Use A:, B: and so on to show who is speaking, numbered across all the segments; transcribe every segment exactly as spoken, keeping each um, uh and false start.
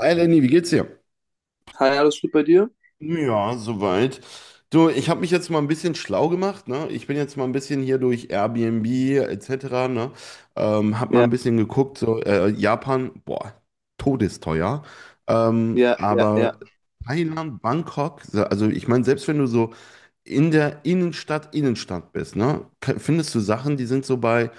A: Hi Lenny, wie geht's dir?
B: Hi, alles gut bei dir?
A: Ja, soweit. Du, ich habe mich jetzt mal ein bisschen schlau gemacht, ne? Ich bin jetzt mal ein bisschen hier durch Airbnb et cetera, ne? Ähm, hab mal
B: Ja,
A: ein bisschen geguckt, so äh, Japan, boah, todesteuer. Ähm,
B: ja, ja, ja,
A: aber Thailand, Bangkok, se- also ich meine, selbst wenn du so in der Innenstadt, Innenstadt bist, ne? ke- Findest du Sachen, die sind so bei,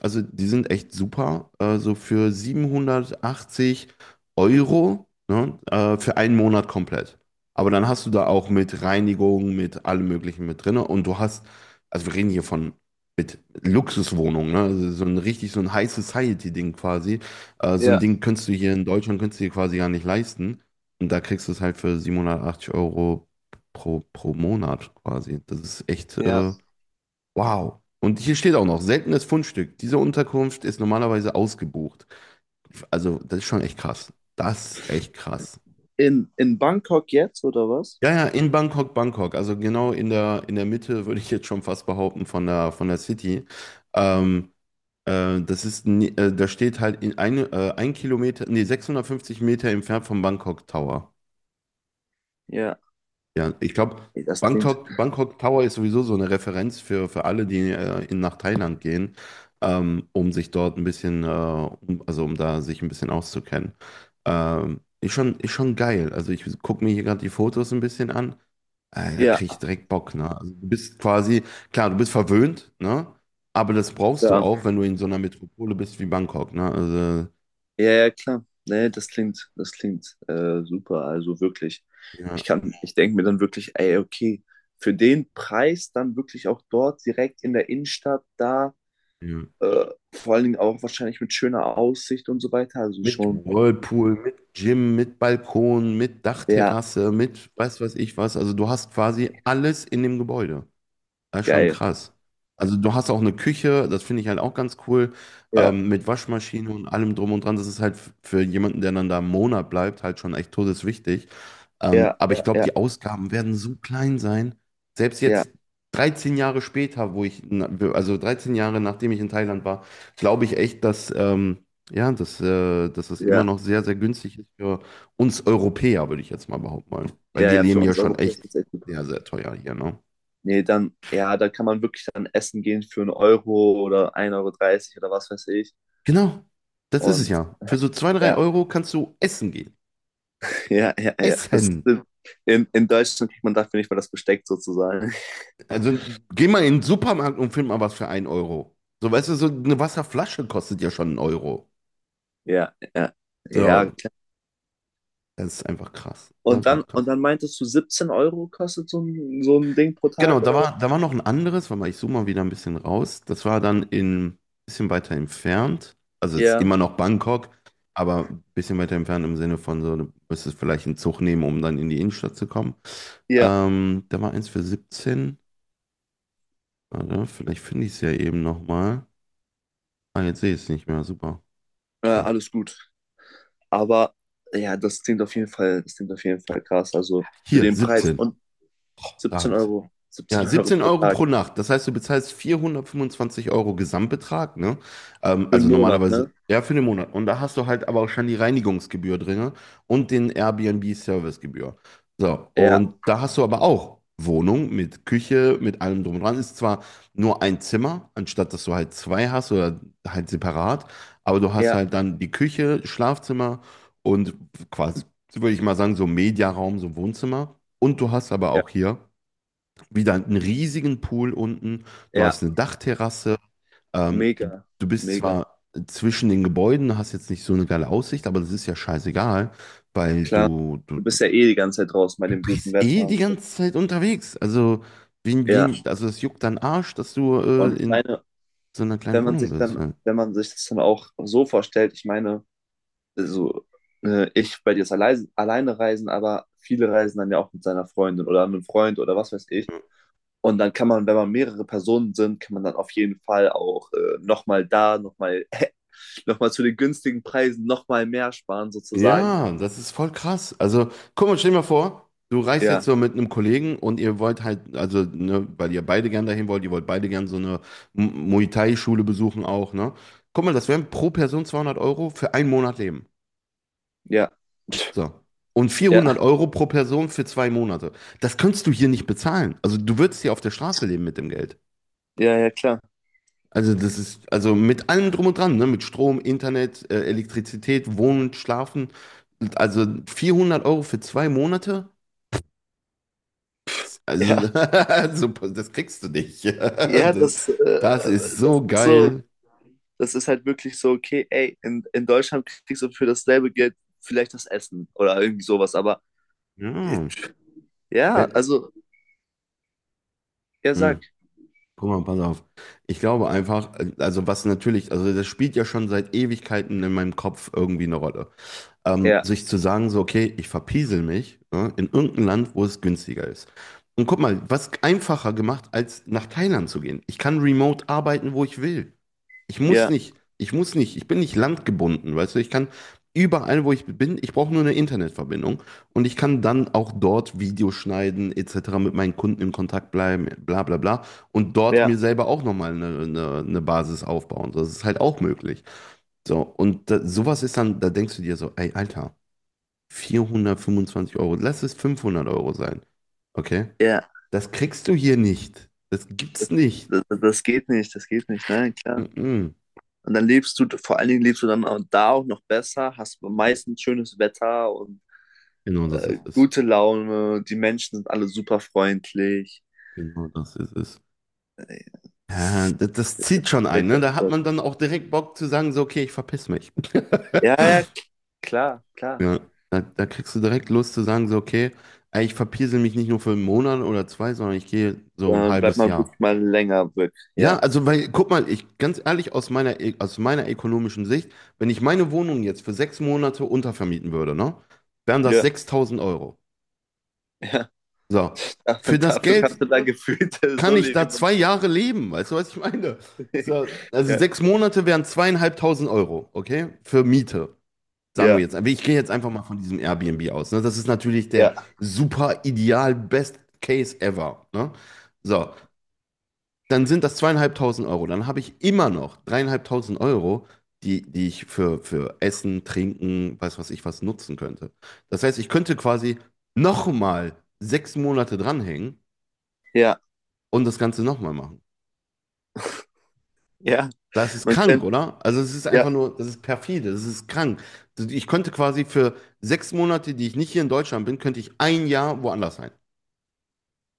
A: also die sind echt super. Also für siebenhundertachtzig Euro, ne, äh, für einen Monat komplett. Aber dann hast du da auch mit Reinigung, mit allem Möglichen mit drin. Und du hast, also wir reden hier von mit Luxuswohnung, ne? Also so ein richtig so ein High Society-Ding quasi. Äh, so ein
B: ja,
A: Ding könntest du hier in Deutschland, könntest du dir quasi gar nicht leisten. Und da kriegst du es halt für siebenhundertachtzig Euro pro, pro Monat quasi. Das ist echt
B: ja.
A: äh, Wow. Und hier steht auch noch, seltenes Fundstück. Diese Unterkunft ist normalerweise ausgebucht. Also, das ist schon echt krass. Das ist echt krass.
B: In, in Bangkok jetzt, oder was?
A: Ja, ja, in Bangkok, Bangkok. Also genau in der, in der Mitte, würde ich jetzt schon fast behaupten, von der, von der City. Ähm, äh, das ist, ni- äh, da steht halt in ein, äh, ein Kilometer, nee, sechshundertfünfzig Meter entfernt vom Bangkok Tower.
B: Ja,
A: Ja, ich glaube,
B: ey, das klingt.
A: Bangkok, Bangkok Tower ist sowieso so eine Referenz für, für alle, die äh, in, nach Thailand gehen, ähm, um sich dort ein bisschen, äh, um, also um da sich ein bisschen auszukennen. Ähm, ist schon, ist schon geil. Also ich gucke mir hier gerade die Fotos ein bisschen an. Äh, da
B: Ja,
A: kriege ich direkt Bock, ne? Also du bist quasi, klar, du bist verwöhnt, ne? Aber das brauchst du
B: ja,
A: auch, wenn du in so einer Metropole bist wie Bangkok, ne? Also,
B: ja, ja, klar. Nee, das klingt, das klingt äh, super. Also wirklich.
A: ja,
B: Ich kann, ich denke mir dann wirklich, ey, okay, für den Preis dann wirklich auch dort direkt in der Innenstadt da,
A: ja.
B: äh, vor allen Dingen auch wahrscheinlich mit schöner Aussicht und so weiter. Also
A: Mit
B: schon,
A: Whirlpool, mit Gym, mit Balkon, mit
B: ja,
A: Dachterrasse, mit weiß was ich was. Also du hast quasi alles in dem Gebäude. Das ist schon
B: geil.
A: krass. Also du hast auch eine Küche, das finde ich halt auch ganz cool,
B: Ja,
A: ähm, mit Waschmaschine und allem drum und dran. Das ist halt f- für jemanden, der dann da einen Monat bleibt, halt schon echt todeswichtig. Ähm,
B: ja,
A: aber ich
B: ja,
A: glaube,
B: ja,
A: die Ausgaben werden so klein sein. Selbst
B: ja,
A: jetzt dreizehn Jahre später, wo ich, na- also dreizehn Jahre nachdem ich in Thailand war, glaube ich echt, dass, ähm, ja, dass, äh, dass das immer
B: ja,
A: noch sehr, sehr günstig ist für uns Europäer, würde ich jetzt mal behaupten wollen. Weil
B: ja,
A: wir
B: ja, für
A: leben ja
B: uns
A: schon
B: Europäer
A: echt
B: ist das echt super.
A: sehr, sehr teuer hier, ne?
B: Nee, dann, ja, da kann man wirklich dann essen gehen für einen Euro oder ein Euro dreißig oder was weiß ich.
A: Genau, das ist es
B: Und
A: ja. Für so zwei, drei
B: ja,
A: Euro kannst du essen gehen.
B: ja, ja, ja. Das,
A: Essen.
B: in, in Deutschland kriegt man dafür nicht mal das Besteck sozusagen.
A: Also geh mal in den Supermarkt und find mal was für einen Euro. So, weißt du, so eine Wasserflasche kostet ja schon einen Euro.
B: Ja, ja, ja,
A: So,
B: klar.
A: das ist einfach krass. Das ist
B: Und dann,
A: einfach
B: und
A: krass.
B: dann meintest du, siebzehn Euro kostet so ein, so ein Ding pro
A: Genau,
B: Tag
A: da
B: oder was?
A: war, da war noch ein anderes, warte mal, ich zoome mal wieder ein bisschen raus. Das war dann in, bisschen weiter entfernt. Also es ist
B: Ja,
A: immer noch Bangkok, aber ein bisschen weiter entfernt im Sinne von so, du müsstest vielleicht einen Zug nehmen, um dann in die Innenstadt zu kommen.
B: ja,
A: Ähm, da war eins für siebzehn. Warte, vielleicht finde ich es ja eben nochmal. Ah, jetzt sehe ich es nicht mehr. Super.
B: äh, alles gut. Aber ja, das klingt auf jeden Fall, das klingt auf jeden Fall krass. Also für
A: Hier,
B: den Preis
A: siebzehn.
B: und
A: Da
B: 17
A: habe ich es.
B: Euro,
A: Ja,
B: siebzehn Euro
A: 17
B: pro
A: Euro
B: Tag
A: pro Nacht. Das heißt, du bezahlst vierhundertfünfundzwanzig Euro Gesamtbetrag, ne? Ähm,
B: für einen
A: also
B: Monat,
A: normalerweise,
B: ne?
A: ja, für den Monat. Und da hast du halt aber auch schon die Reinigungsgebühr drin und den Airbnb-Servicegebühr. So,
B: Ja,
A: und da hast du aber auch Wohnung mit Küche, mit allem drum und dran. Ist zwar nur ein Zimmer, anstatt dass du halt zwei hast oder halt separat, aber du hast
B: ja,
A: halt dann die Küche, Schlafzimmer und quasi, würde ich mal sagen, so Mediaraum, so Wohnzimmer. Und du hast aber
B: ja,
A: auch hier wieder einen riesigen Pool unten, du
B: ja.
A: hast eine Dachterrasse, ähm, du,
B: Mega,
A: du bist
B: mega.
A: zwar zwischen den Gebäuden, hast jetzt nicht so eine geile Aussicht, aber das ist ja scheißegal, weil
B: Klar,
A: du, du,
B: du
A: du,
B: bist ja eh die ganze Zeit draußen bei
A: du
B: dem guten
A: bist eh
B: Wetter
A: die
B: und so.
A: ganze Zeit unterwegs. Also, wen,
B: Ja,
A: wen, also das juckt deinen Arsch, dass du
B: und
A: äh,
B: ich
A: in
B: meine,
A: so einer kleinen
B: wenn man
A: Wohnung
B: sich
A: bist.
B: dann,
A: Ja.
B: wenn man sich das dann auch so vorstellt, ich meine, also äh, ich bei dir ist alleine, alleine reisen, aber viele reisen dann ja auch mit seiner Freundin oder einem Freund oder was weiß ich. Und dann kann man, wenn man mehrere Personen sind, kann man dann auf jeden Fall auch äh, nochmal da, nochmal noch mal zu den günstigen Preisen nochmal mehr sparen sozusagen.
A: Ja, das ist voll krass. Also, guck mal, stell dir mal vor, du reist jetzt
B: Ja,
A: so mit einem Kollegen und ihr wollt halt, also, ne, weil ihr beide gern dahin wollt, ihr wollt beide gern so eine M- Muay Thai-Schule besuchen auch, ne? Guck mal, das wären pro Person zweihundert Euro für einen Monat Leben.
B: ja,
A: So. Und 400
B: ja,
A: Euro pro Person für zwei Monate. Das könntest du hier nicht bezahlen. Also, du würdest hier auf der Straße leben mit dem Geld.
B: ja, ja, klar.
A: Also, das ist, also mit allem drum und dran, ne? Mit Strom, Internet, äh, Elektrizität, Wohnen, Schlafen. Also vierhundert Euro für zwei Monate? Also,
B: Ja.
A: super, das kriegst du nicht.
B: Ja, das, äh,
A: Das, das ist
B: das
A: so
B: ist so,
A: geil.
B: das ist halt wirklich so, okay, ey, in, in Deutschland kriegst du für dasselbe Geld vielleicht das Essen oder irgendwie sowas, aber äh,
A: Ja.
B: ja,
A: Wenn,
B: also, ja, sag,
A: hm. Guck mal, pass auf. Ich glaube einfach, also was natürlich, also das spielt ja schon seit Ewigkeiten in meinem Kopf irgendwie eine Rolle. Ähm,
B: ja,
A: sich zu sagen, so, okay, ich verpiesel mich, ne, in irgendein Land, wo es günstiger ist. Und guck mal, was einfacher gemacht, als nach Thailand zu gehen. Ich kann remote arbeiten, wo ich will. Ich muss
B: ja,
A: nicht, ich muss nicht, ich bin nicht landgebunden, weißt du, ich kann überall, wo ich bin, ich brauche nur eine Internetverbindung und ich kann dann auch dort Videos schneiden, et cetera, mit meinen Kunden in Kontakt bleiben, bla bla bla und dort
B: ja,
A: mir selber auch nochmal eine, eine, eine Basis aufbauen. Das ist halt auch möglich. So, und da, sowas ist dann, da denkst du dir so, ey, Alter, vierhundertfünfundzwanzig Euro, lass es fünfhundert Euro sein. Okay?
B: ja,
A: Das kriegst du hier nicht. Das gibt's
B: das,
A: nicht.
B: das, das geht nicht, das geht nicht, nein, klar.
A: Mm-mm.
B: Und dann lebst du, vor allen Dingen lebst du dann auch da auch noch besser, hast meistens schönes Wetter und
A: Genau das
B: äh,
A: ist es.
B: gute Laune, die Menschen sind alle super freundlich.
A: Genau, das ist es.
B: Äh, ja, das
A: Ja,
B: ist
A: das, das zieht schon
B: der
A: ein, ne? Da hat man
B: Jackpot.
A: dann auch direkt Bock zu sagen, so, okay, ich verpiss mich.
B: Ja, ja, k- klar, klar.
A: Ja, da, da kriegst du direkt Lust zu sagen, so, okay, ey, ich verpiesel mich nicht nur für einen Monat oder zwei, sondern ich gehe so ein
B: Äh, bleibt
A: halbes
B: man
A: Jahr.
B: wirklich mal länger weg.
A: Ja,
B: Ja.
A: also, weil, guck mal, ich, ganz ehrlich, aus meiner, e- aus meiner ökonomischen Sicht, wenn ich meine Wohnung jetzt für sechs Monate untervermieten würde, ne, wären das
B: Ja,
A: sechstausend Euro.
B: ja.
A: So. Für das
B: Dafür
A: Geld
B: kannst du da gefühlt äh,
A: kann
B: so
A: ich da
B: leben. und-
A: zwei Jahre leben? Weißt du, was ich meine? So, also
B: Ja,
A: sechs Monate wären zweieinhalbtausend Euro, okay? Für Miete, sagen wir
B: ja,
A: jetzt. Aber ich gehe jetzt einfach mal von diesem Airbnb aus. Ne? Das ist natürlich der
B: ja,
A: super ideal Best Case ever. Ne? So, dann sind das zweieinhalbtausend Euro. Dann habe ich immer noch dreieinhalbtausend Euro, die, die ich für, für Essen, Trinken, weiß was ich was nutzen könnte. Das heißt, ich könnte quasi nochmal sechs Monate dranhängen
B: ja,
A: und das Ganze nochmal machen.
B: ja.
A: Das ist
B: Man
A: krank,
B: könnte,
A: oder? Also es ist
B: ja,
A: einfach nur, das ist perfide, das ist krank. Also, Ich könnte quasi für sechs Monate, die ich nicht hier in Deutschland bin, könnte ich ein Jahr woanders sein.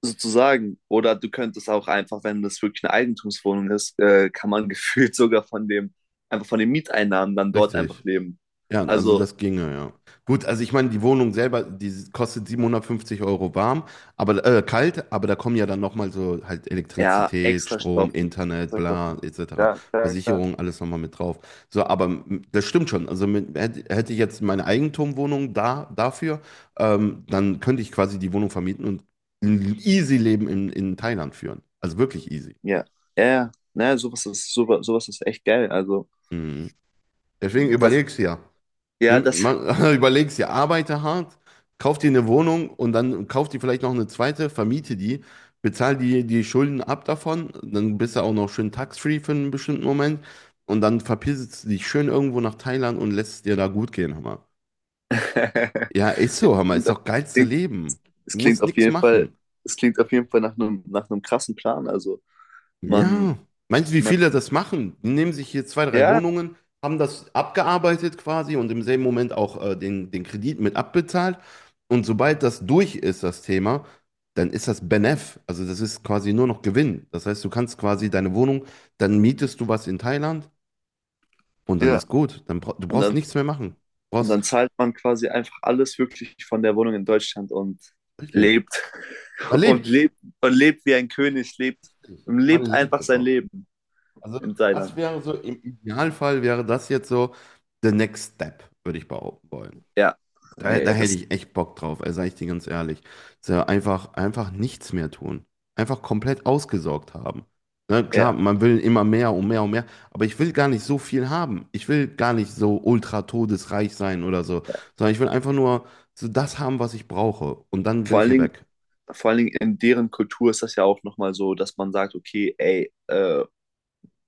B: sozusagen. Oder du könntest auch einfach, wenn das wirklich eine Eigentumswohnung ist, äh, kann man gefühlt sogar von dem, einfach von den Mieteinnahmen dann dort einfach
A: Richtig.
B: leben.
A: Ja, also
B: Also,
A: das ginge, ja. Gut, also ich meine, die Wohnung selber, die kostet siebenhundertfünfzig Euro warm, aber äh, kalt, aber da kommen ja dann nochmal so halt
B: ja,
A: Elektrizität,
B: extra
A: Strom,
B: Stoffen.
A: Internet,
B: Extra
A: bla,
B: Kosten.
A: et cetera.
B: Ja, klar, klar.
A: Versicherung, alles nochmal mit drauf. So, aber mm, das stimmt schon. Also mit, hätte, hätte ich jetzt meine Eigentumwohnung da dafür, ähm, dann könnte ich quasi die Wohnung vermieten und ein easy Leben in, in Thailand führen. Also wirklich easy.
B: Ja, ja, ja. Naja, sowas ist, sowas, sowas ist echt geil. Also,
A: Mhm. Deswegen
B: das,
A: überleg's ja.
B: ja,
A: Nimm-
B: das.
A: Man, überlegst dir, arbeite hart, kauf dir eine Wohnung und dann kauf dir vielleicht noch eine zweite, vermiete die, bezahl die, die Schulden ab davon, dann bist du auch noch schön tax-free für einen bestimmten Moment und dann verpisst du dich schön irgendwo nach Thailand und lässt es dir da gut gehen, Hammer. Ja, ist so, Hammer,
B: klingt,
A: ist
B: auf-
A: doch geilste
B: klingt,
A: Leben.
B: es
A: Du
B: klingt
A: musst
B: auf
A: nichts
B: jeden Fall,
A: machen.
B: es klingt auf jeden Fall nach einem, nach einem krassen Plan. Also man,
A: Ja, meinst du, wie
B: man,
A: viele das machen? Die nehmen sich hier zwei, drei
B: ja,
A: Wohnungen, haben das abgearbeitet quasi und im selben Moment auch äh, den, den Kredit mit abbezahlt. Und sobald das durch ist, das Thema, dann ist das Benef. Also das ist quasi nur noch Gewinn. Das heißt, du kannst quasi deine Wohnung, dann mietest du was in Thailand und dann
B: ja.
A: ist gut. Dann bra du
B: Und
A: brauchst
B: dann,
A: nichts mehr machen. Du
B: und
A: brauchst,
B: dann zahlt man quasi einfach alles wirklich von der Wohnung in Deutschland und
A: richtig.
B: lebt
A: Man
B: und
A: lebt.
B: lebt und lebt wie ein König, lebt und
A: Man
B: lebt
A: lebt
B: einfach sein
A: einfach.
B: Leben
A: Also
B: in
A: das
B: Thailand.
A: wäre so, im Idealfall wäre das jetzt so the next step, würde ich behaupten wollen.
B: Ja,
A: Da, da
B: nee,
A: hätte
B: das,
A: ich echt Bock drauf, also sag ich dir ganz ehrlich. So einfach, einfach nichts mehr tun. Einfach komplett ausgesorgt haben. Na klar,
B: ja,
A: man will immer mehr und mehr und mehr, aber ich will gar nicht so viel haben. Ich will gar nicht so ultra todesreich sein oder so,
B: ja.
A: sondern ich will einfach nur so das haben, was ich brauche. Und dann will
B: Vor
A: ich
B: allen
A: hier
B: Dingen,
A: weg.
B: Vor allen Dingen in deren Kultur ist das ja auch nochmal so, dass man sagt, okay, ey, äh,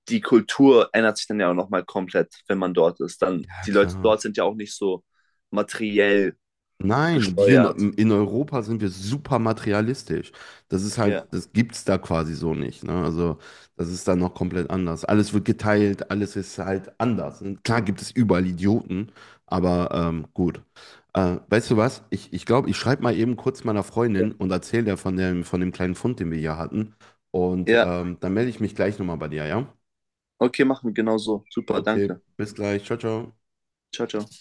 B: die Kultur ändert sich dann ja auch nochmal komplett, wenn man dort ist. Dann,
A: Ja,
B: die Leute
A: klar.
B: dort sind ja auch nicht so materiell
A: Nein, hier
B: gesteuert.
A: in, in Europa sind wir super materialistisch. Das ist halt,
B: Ja.
A: das gibt's da quasi so nicht, ne? Also, das ist dann noch komplett anders. Alles wird geteilt, alles ist halt anders. Und klar gibt es überall Idioten, aber ähm, gut. Äh, weißt du was? Ich, glaube, ich glaube, ich schreibe mal eben kurz meiner Freundin und erzähle der von dem, von dem kleinen Fund, den wir hier hatten. Und
B: Ja,
A: ähm, dann melde ich mich gleich nochmal bei dir, ja?
B: okay, machen wir genau so. Super,
A: Okay,
B: danke.
A: bis gleich. Ciao, ciao.
B: Ciao, ciao.